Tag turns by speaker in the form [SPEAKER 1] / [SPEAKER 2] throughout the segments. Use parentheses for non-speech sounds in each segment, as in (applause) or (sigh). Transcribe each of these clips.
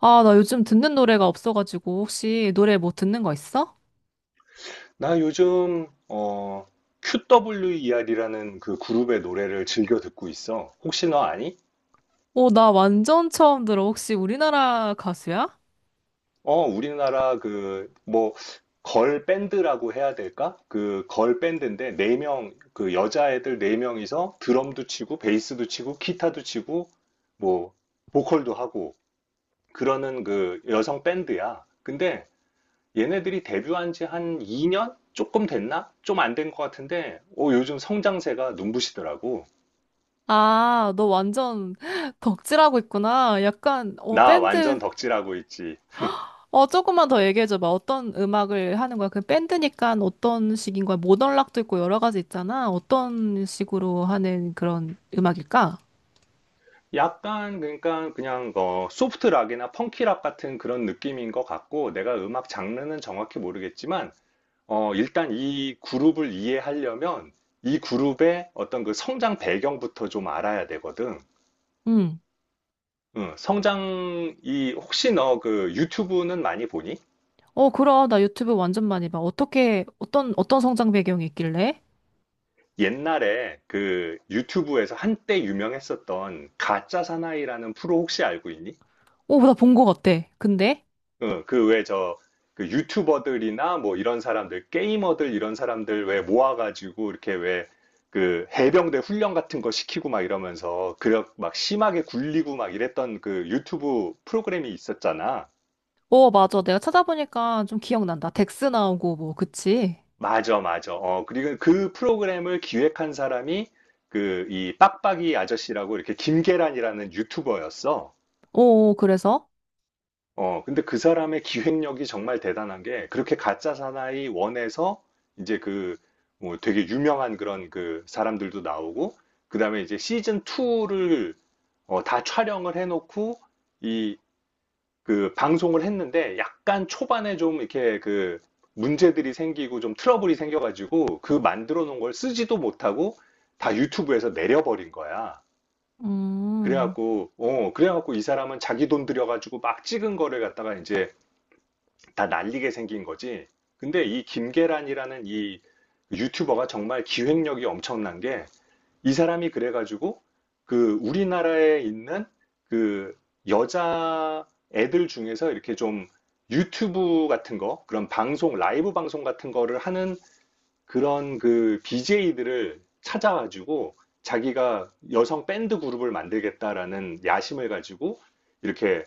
[SPEAKER 1] 아, 나 요즘 듣는 노래가 없어가지고 혹시 노래 뭐 듣는 거 있어?
[SPEAKER 2] 나 요즘 QWER이라는 그 그룹의 노래를 즐겨 듣고 있어. 혹시 너 아니?
[SPEAKER 1] 오, 나 완전 처음 들어. 혹시 우리나라 가수야?
[SPEAKER 2] 우리나라 그 뭐 걸 밴드라고 해야 될까? 그 걸 밴드인데 네 명 그 여자애들 네 명이서 드럼도 치고 베이스도 치고 기타도 치고 뭐 보컬도 하고 그러는 그 여성 밴드야. 근데 얘네들이 데뷔한 지 한 2년 조금 됐나? 좀 안된 것 같은데 요즘 성장세가 눈부시더라고.
[SPEAKER 1] 아, 너 완전 (gasps) (laughs) 덕질하고 있구나. 약간, 어,
[SPEAKER 2] 나 완전
[SPEAKER 1] 밴드.
[SPEAKER 2] 덕질하고 있지.
[SPEAKER 1] 어, 조금만 더 얘기해줘봐. 어떤 음악을 하는 거야? 그 밴드니까 어떤 식인 거야? 모던락도 있고 여러 가지 있잖아. 어떤 식으로 하는 그런 음악일까?
[SPEAKER 2] 약간 그러니까 그냥 소프트 락이나 펑키 락 같은 그런 느낌인 것 같고 내가 음악 장르는 정확히 모르겠지만 일단 이 그룹을 이해하려면 이 그룹의 어떤 그 성장 배경부터 좀 알아야 되거든.
[SPEAKER 1] 응.
[SPEAKER 2] 응, 성장이 혹시 너 그 유튜브는 많이 보니?
[SPEAKER 1] 어, 그럼. 나 유튜브 완전 많이 봐. 어떤 성장 배경이 있길래?
[SPEAKER 2] 옛날에 그 유튜브에서 한때 유명했었던 가짜 사나이라는 프로 혹시 알고 있니?
[SPEAKER 1] 오, 나 본 거 같아. 근데?
[SPEAKER 2] 그 왜 저, 그 유튜버들이나 뭐 이런 사람들, 게이머들 이런 사람들 왜 모아가지고 이렇게 왜 그 해병대 훈련 같은 거 시키고 막 이러면서 그막 력 심하게 굴리고 막 이랬던 그 유튜브 프로그램이 있었잖아.
[SPEAKER 1] 어, 맞아. 내가 찾아보니까 좀 기억난다. 덱스 나오고, 뭐, 그치?
[SPEAKER 2] 맞아, 맞아. 어, 그리고 그 프로그램을 기획한 사람이 그 이 빡빡이 아저씨라고 이렇게 김계란이라는 유튜버였어.
[SPEAKER 1] 어, 그래서?
[SPEAKER 2] 근데 그 사람의 기획력이 정말 대단한 게, 그렇게 가짜 사나이 원에서, 이제 그, 뭐 되게 유명한 그런 그 사람들도 나오고, 그 다음에 이제 시즌 2를, 다 촬영을 해놓고, 이, 그 방송을 했는데, 약간 초반에 좀 이렇게 그 문제들이 생기고 좀 트러블이 생겨가지고, 그 만들어 놓은 걸 쓰지도 못하고, 다 유튜브에서 내려버린 거야.
[SPEAKER 1] 음.
[SPEAKER 2] 그래갖고 이 사람은 자기 돈 들여가지고 막 찍은 거를 갖다가 이제, 다 날리게 생긴 거지. 근데 이 김계란이라는 이 유튜버가 정말 기획력이 엄청난 게 이 사람이 그래가지고 그 우리나라에 있는 그 여자 애들 중에서 이렇게 좀 유튜브 같은 거, 그런 방송, 라이브 방송 같은 거를 하는 그런 그 BJ들을 찾아가지고 자기가 여성 밴드 그룹을 만들겠다라는 야심을 가지고 이렇게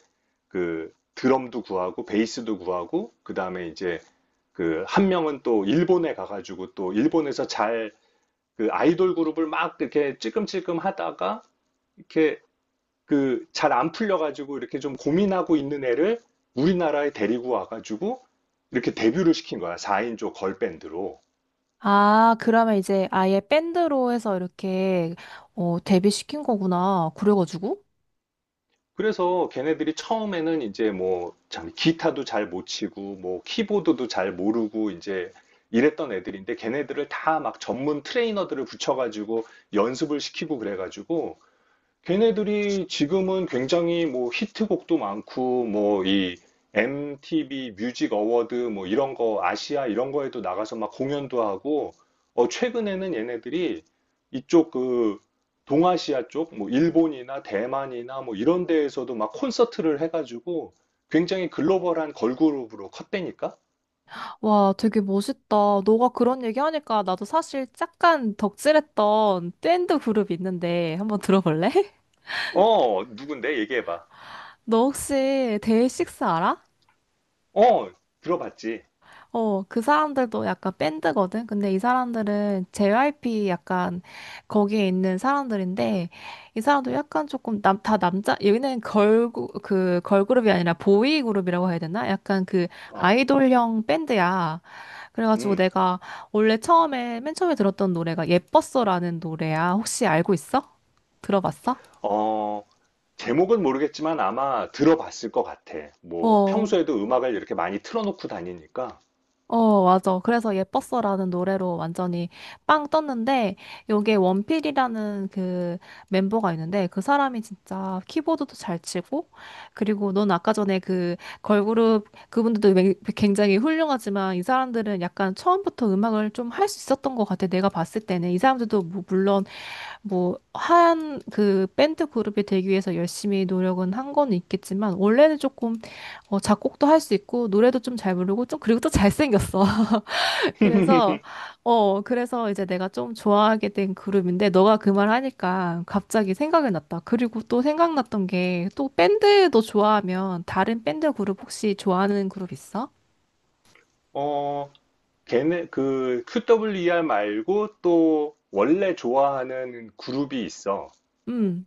[SPEAKER 2] 그 드럼도 구하고 베이스도 구하고 그다음에 이제 그 한 명은 또 일본에 가가지고 또 일본에서 잘 그 아이돌 그룹을 막 이렇게 찔끔찔끔 하다가 이렇게 그 잘 안 풀려가지고 이렇게 좀 고민하고 있는 애를 우리나라에 데리고 와가지고 이렇게 데뷔를 시킨 거야. 4인조 걸밴드로.
[SPEAKER 1] 아, 그러면 이제 아예 밴드로 해서 이렇게 어, 데뷔시킨 거구나. 그래가지고.
[SPEAKER 2] 그래서 걔네들이 처음에는 이제 뭐, 참, 기타도 잘 못 치고, 뭐, 키보드도 잘 모르고, 이제 이랬던 애들인데, 걔네들을 다 막 전문 트레이너들을 붙여가지고 연습을 시키고 그래가지고, 걔네들이 지금은 굉장히 뭐 히트곡도 많고 뭐 이 MTV 뮤직 어워드 뭐 이런 거 아시아 이런 거에도 나가서 막 공연도 하고 어 최근에는 얘네들이 이쪽 그 동아시아 쪽 뭐 일본이나 대만이나 뭐 이런 데에서도 막 콘서트를 해가지고 굉장히 글로벌한 걸그룹으로 컸다니까?
[SPEAKER 1] 와, 되게 멋있다. 너가 그런 얘기 하니까 나도 사실 잠깐 덕질했던 밴드 그룹 있는데 한번 들어볼래? (laughs)
[SPEAKER 2] 어 누군데 얘기해봐.
[SPEAKER 1] 너 혹시 데이식스 알아?
[SPEAKER 2] 어 들어봤지.
[SPEAKER 1] 어, 그 사람들도 약간 밴드거든? 근데 이 사람들은 JYP 약간 거기에 있는 사람들인데, 이 사람도 약간 조금 남, 다 남자, 여기는 걸, 그, 걸그룹이 아니라 보이 그룹이라고 해야 되나? 약간 그
[SPEAKER 2] 어
[SPEAKER 1] 아이돌형 밴드야. 그래가지고
[SPEAKER 2] 음.
[SPEAKER 1] 내가 맨 처음에 들었던 노래가 예뻤어라는 노래야. 혹시 알고 있어? 들어봤어?
[SPEAKER 2] 어 제목은 모르겠지만 아마 들어봤을 것 같아. 뭐
[SPEAKER 1] 어.
[SPEAKER 2] 평소에도 음악을 이렇게 많이 틀어놓고 다니니까.
[SPEAKER 1] 어, 맞아. 그래서 예뻤어라는 노래로 완전히 빵 떴는데, 여기에 원필이라는 그 멤버가 있는데, 그 사람이 진짜 키보드도 잘 치고, 그리고 넌 아까 전에 그 걸그룹, 그분들도 맹- 굉장히 훌륭하지만, 이 사람들은 약간 처음부터 음악을 좀 할 수 있었던 것 같아. 내가 봤을 때는. 이 사람들도 뭐 물론, 뭐, 한 그 밴드 그룹이 되기 위해서 열심히 노력은 한 건 있겠지만, 원래는 조금 어, 작곡도 할 수 있고 노래도 좀 잘 부르고 좀 그리고 또 잘생겼어. 그래서
[SPEAKER 2] (laughs)
[SPEAKER 1] 어 그래서 이제 내가 좀 좋아하게 된 그룹인데 너가 그 말 하니까 갑자기 생각이 났다. 그리고 또 생각났던 게 또 밴드도 좋아하면 다른 밴드 그룹 혹시 좋아하는 그룹 있어?
[SPEAKER 2] 어, 걔네 그 QWER 말고 또 원래 좋아하는 그룹이 있어.
[SPEAKER 1] 음.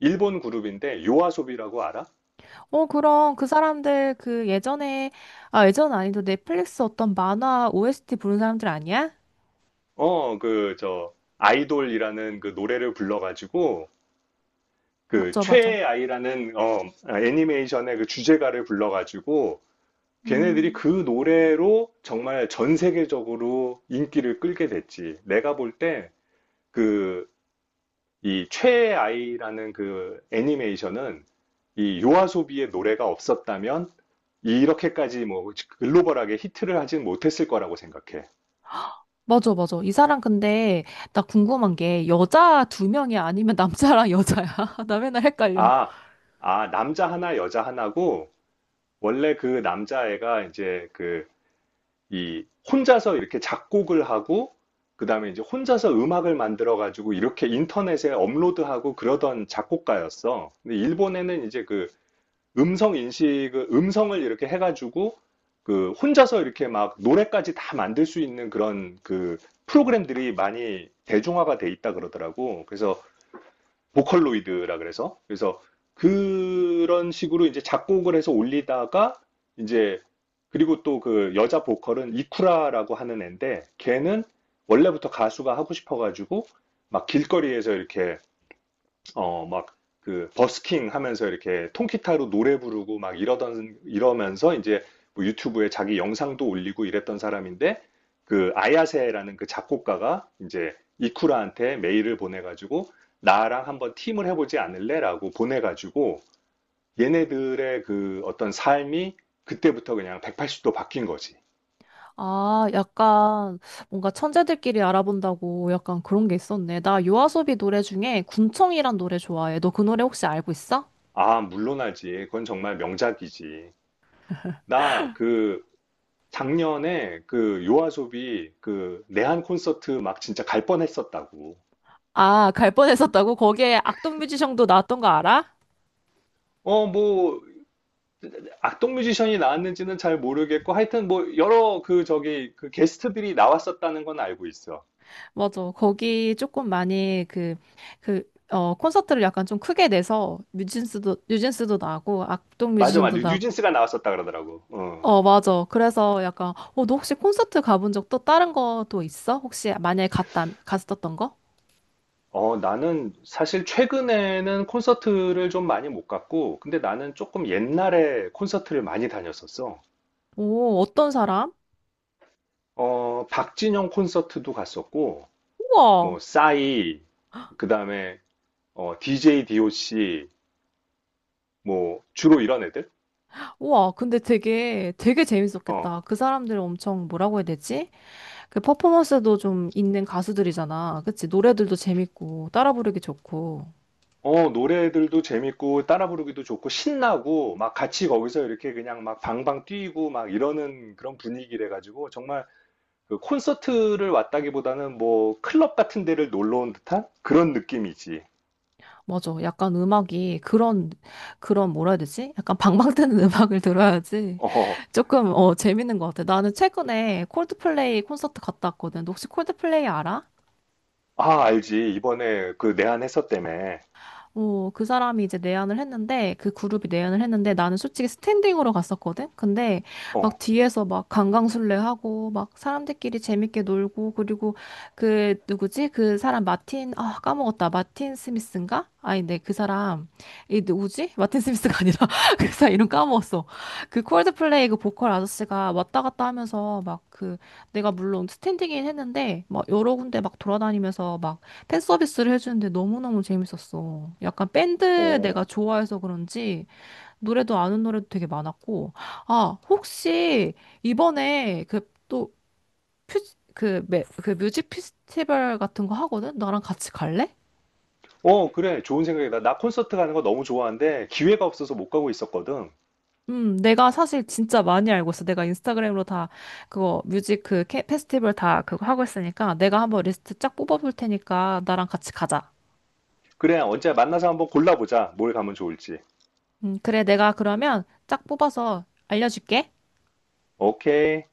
[SPEAKER 2] 일본 그룹인데 요아소비라고 알아?
[SPEAKER 1] 어 그럼 그 사람들 그 예전에 아 예전 아니도 넷플릭스 어떤 만화 OST 부른 사람들 아니야?
[SPEAKER 2] 그 저 아이돌이라는 그 노래를 불러가지고 그
[SPEAKER 1] 맞죠, 맞아.
[SPEAKER 2] 최애아이라는 어 애니메이션의 그 주제가를 불러가지고 걔네들이
[SPEAKER 1] 음.
[SPEAKER 2] 그 노래로 정말 전 세계적으로 인기를 끌게 됐지. 내가 볼 때, 그, 이 최애 아이라는 그 애니메이션은 이 요아소비의 노래가 없었다면 이렇게까지 뭐 글로벌하게 히트를 하진 못했을 거라고 생각해.
[SPEAKER 1] 맞아, 맞아. 이 사람 근데 나 궁금한 게 여자 두 명이 아니면 남자랑 여자야? (laughs) 나 맨날 헷갈려.
[SPEAKER 2] 아, 아, 남자 하나, 여자 하나고 원래 그 남자애가 이제 그 이 혼자서 이렇게 작곡을 하고 그다음에 이제 혼자서 음악을 만들어 가지고 이렇게 인터넷에 업로드하고 그러던 작곡가였어. 근데 일본에는 이제 그 음성 인식, 음성을 이렇게 해가지고 그 혼자서 이렇게 막 노래까지 다 만들 수 있는 그런 그 프로그램들이 많이 대중화가 돼 있다 그러더라고. 그래서 보컬로이드라 그래서 그런 식으로 이제 작곡을 해서 올리다가 이제 그리고 또 그 여자 보컬은 이쿠라라고 하는 애인데 걔는 원래부터 가수가 하고 싶어가지고 막 길거리에서 이렇게 막, 그, 버스킹 하면서 이렇게 통기타로 노래 부르고 막 이러면서 이제 뭐 유튜브에 자기 영상도 올리고 이랬던 사람인데, 그, 아야세라는 그 작곡가가 이제 이쿠라한테 메일을 보내가지고, 나랑 한번 팀을 해보지 않을래? 라고 보내가지고, 얘네들의 그 어떤 삶이 그때부터 그냥 180도 바뀐 거지.
[SPEAKER 1] 아, 약간 뭔가 천재들끼리 알아본다고 약간 그런 게 있었네. 나 요아소비 노래 중에 군청이란 노래 좋아해. 너 그 노래 혹시 알고 있어?
[SPEAKER 2] 아, 물론하지. 그건 정말 명작이지. 나그 작년에 그 요아소비 그 내한 콘서트 막 진짜 갈 뻔했었다고.
[SPEAKER 1] 아, 갈 뻔했었다고? 거기에 악동 뮤지션도 나왔던 거 알아?
[SPEAKER 2] 뭐, 악동 뮤지션이 나왔는지는 잘 모르겠고, 하여튼 뭐, 여러 그 저기, 그 게스트들이 나왔었다는 건 알고 있어.
[SPEAKER 1] 맞아. 거기 조금 많이 그, 그, 어, 콘서트를 약간 좀 크게 내서 뉴진스도 나고 악동
[SPEAKER 2] 맞아, 맞아.
[SPEAKER 1] 뮤지션도 나고.
[SPEAKER 2] 뉴진스가 나왔었다 그러더라고. 어.
[SPEAKER 1] 어, 맞아. 그래서 약간, 어, 너 혹시 콘서트 가본 적 또 다른 거 또 있어? 혹시 만약에 갔었던 거?
[SPEAKER 2] 어, 나는 사실 최근에는 콘서트를 좀 많이 못 갔고, 근데 나는 조금 옛날에 콘서트를 많이 다녔었어.
[SPEAKER 1] 오, 어떤 사람?
[SPEAKER 2] 박진영 콘서트도 갔었고,
[SPEAKER 1] 우와.
[SPEAKER 2] 뭐, 싸이, 그 다음에 DJ DOC, 뭐, 주로 이런 애들?
[SPEAKER 1] 우와, 근데 되게
[SPEAKER 2] 어,
[SPEAKER 1] 재밌었겠다. 그 사람들 엄청 뭐라고 해야 되지? 그 퍼포먼스도 좀 있는 가수들이잖아. 그치? 노래들도 재밌고, 따라 부르기 좋고.
[SPEAKER 2] 어, 노래들도 재밌고, 따라 부르기도 좋고, 신나고, 막 같이 거기서 이렇게 그냥 막 방방 뛰고, 막 이러는 그런 분위기래가지고, 정말 그 콘서트를 왔다기보다는 뭐, 클럽 같은 데를 놀러 온 듯한 그런 느낌이지.
[SPEAKER 1] 맞아. 그런 뭐라 해야 되지? 약간 방방 뜨는 (laughs) 음악을 들어야지.
[SPEAKER 2] 어,
[SPEAKER 1] 조금, 어, 재밌는 것 같아. 나는 최근에 콜드플레이 콘서트 갔다 왔거든. 너 혹시 콜드플레이 알아?
[SPEAKER 2] 아, 알지. 이번에 그 내한했었 때문에.
[SPEAKER 1] 어, 그 사람이 이제 내한을 했는데, 그 그룹이 내한을 했는데, 나는 솔직히 스탠딩으로 갔었거든? 근데, 막
[SPEAKER 2] 어,
[SPEAKER 1] 뒤에서 막 강강술래하고, 막 사람들끼리 재밌게 놀고, 그리고 그, 누구지? 그 사람 마틴, 아, 까먹었다. 마틴 스미스인가? 아니, 네, 그 사람. 이 누구지? 마틴 스미스가 (laughs) 아니라, 그 사람 이름 까먹었어. 그 콜드플레이 그 보컬 아저씨가 왔다 갔다 하면서, 막 그, 내가 물론 스탠딩이긴 했는데, 막 여러 군데 막 돌아다니면서, 막 팬 서비스를 해주는데 너무너무 재밌었어. 약간 밴드
[SPEAKER 2] 어.
[SPEAKER 1] 내가 좋아해서 그런지 노래도 아는 노래도 되게 많았고. 아, 혹시 이번에 그 또 그, 매- 그 뮤직 페스티벌 같은 거 하거든? 나랑 같이 갈래?
[SPEAKER 2] 어, 그래. 좋은 생각이다. 나 콘서트 가는 거 너무 좋아하는데, 기회가 없어서 못 가고 있었거든.
[SPEAKER 1] 내가 사실 진짜 많이 알고 있어. 내가 인스타그램으로 다 그거 뮤직 그 캐- 페스티벌 다 그거 하고 있으니까 내가 한번 리스트 쫙 뽑아볼 테니까 나랑 같이 가자.
[SPEAKER 2] 그래, 언제 만나서 한번 골라보자. 뭘 가면 좋을지.
[SPEAKER 1] 그래. 내가 그러면 쫙 뽑아서 알려줄게.
[SPEAKER 2] 오케이.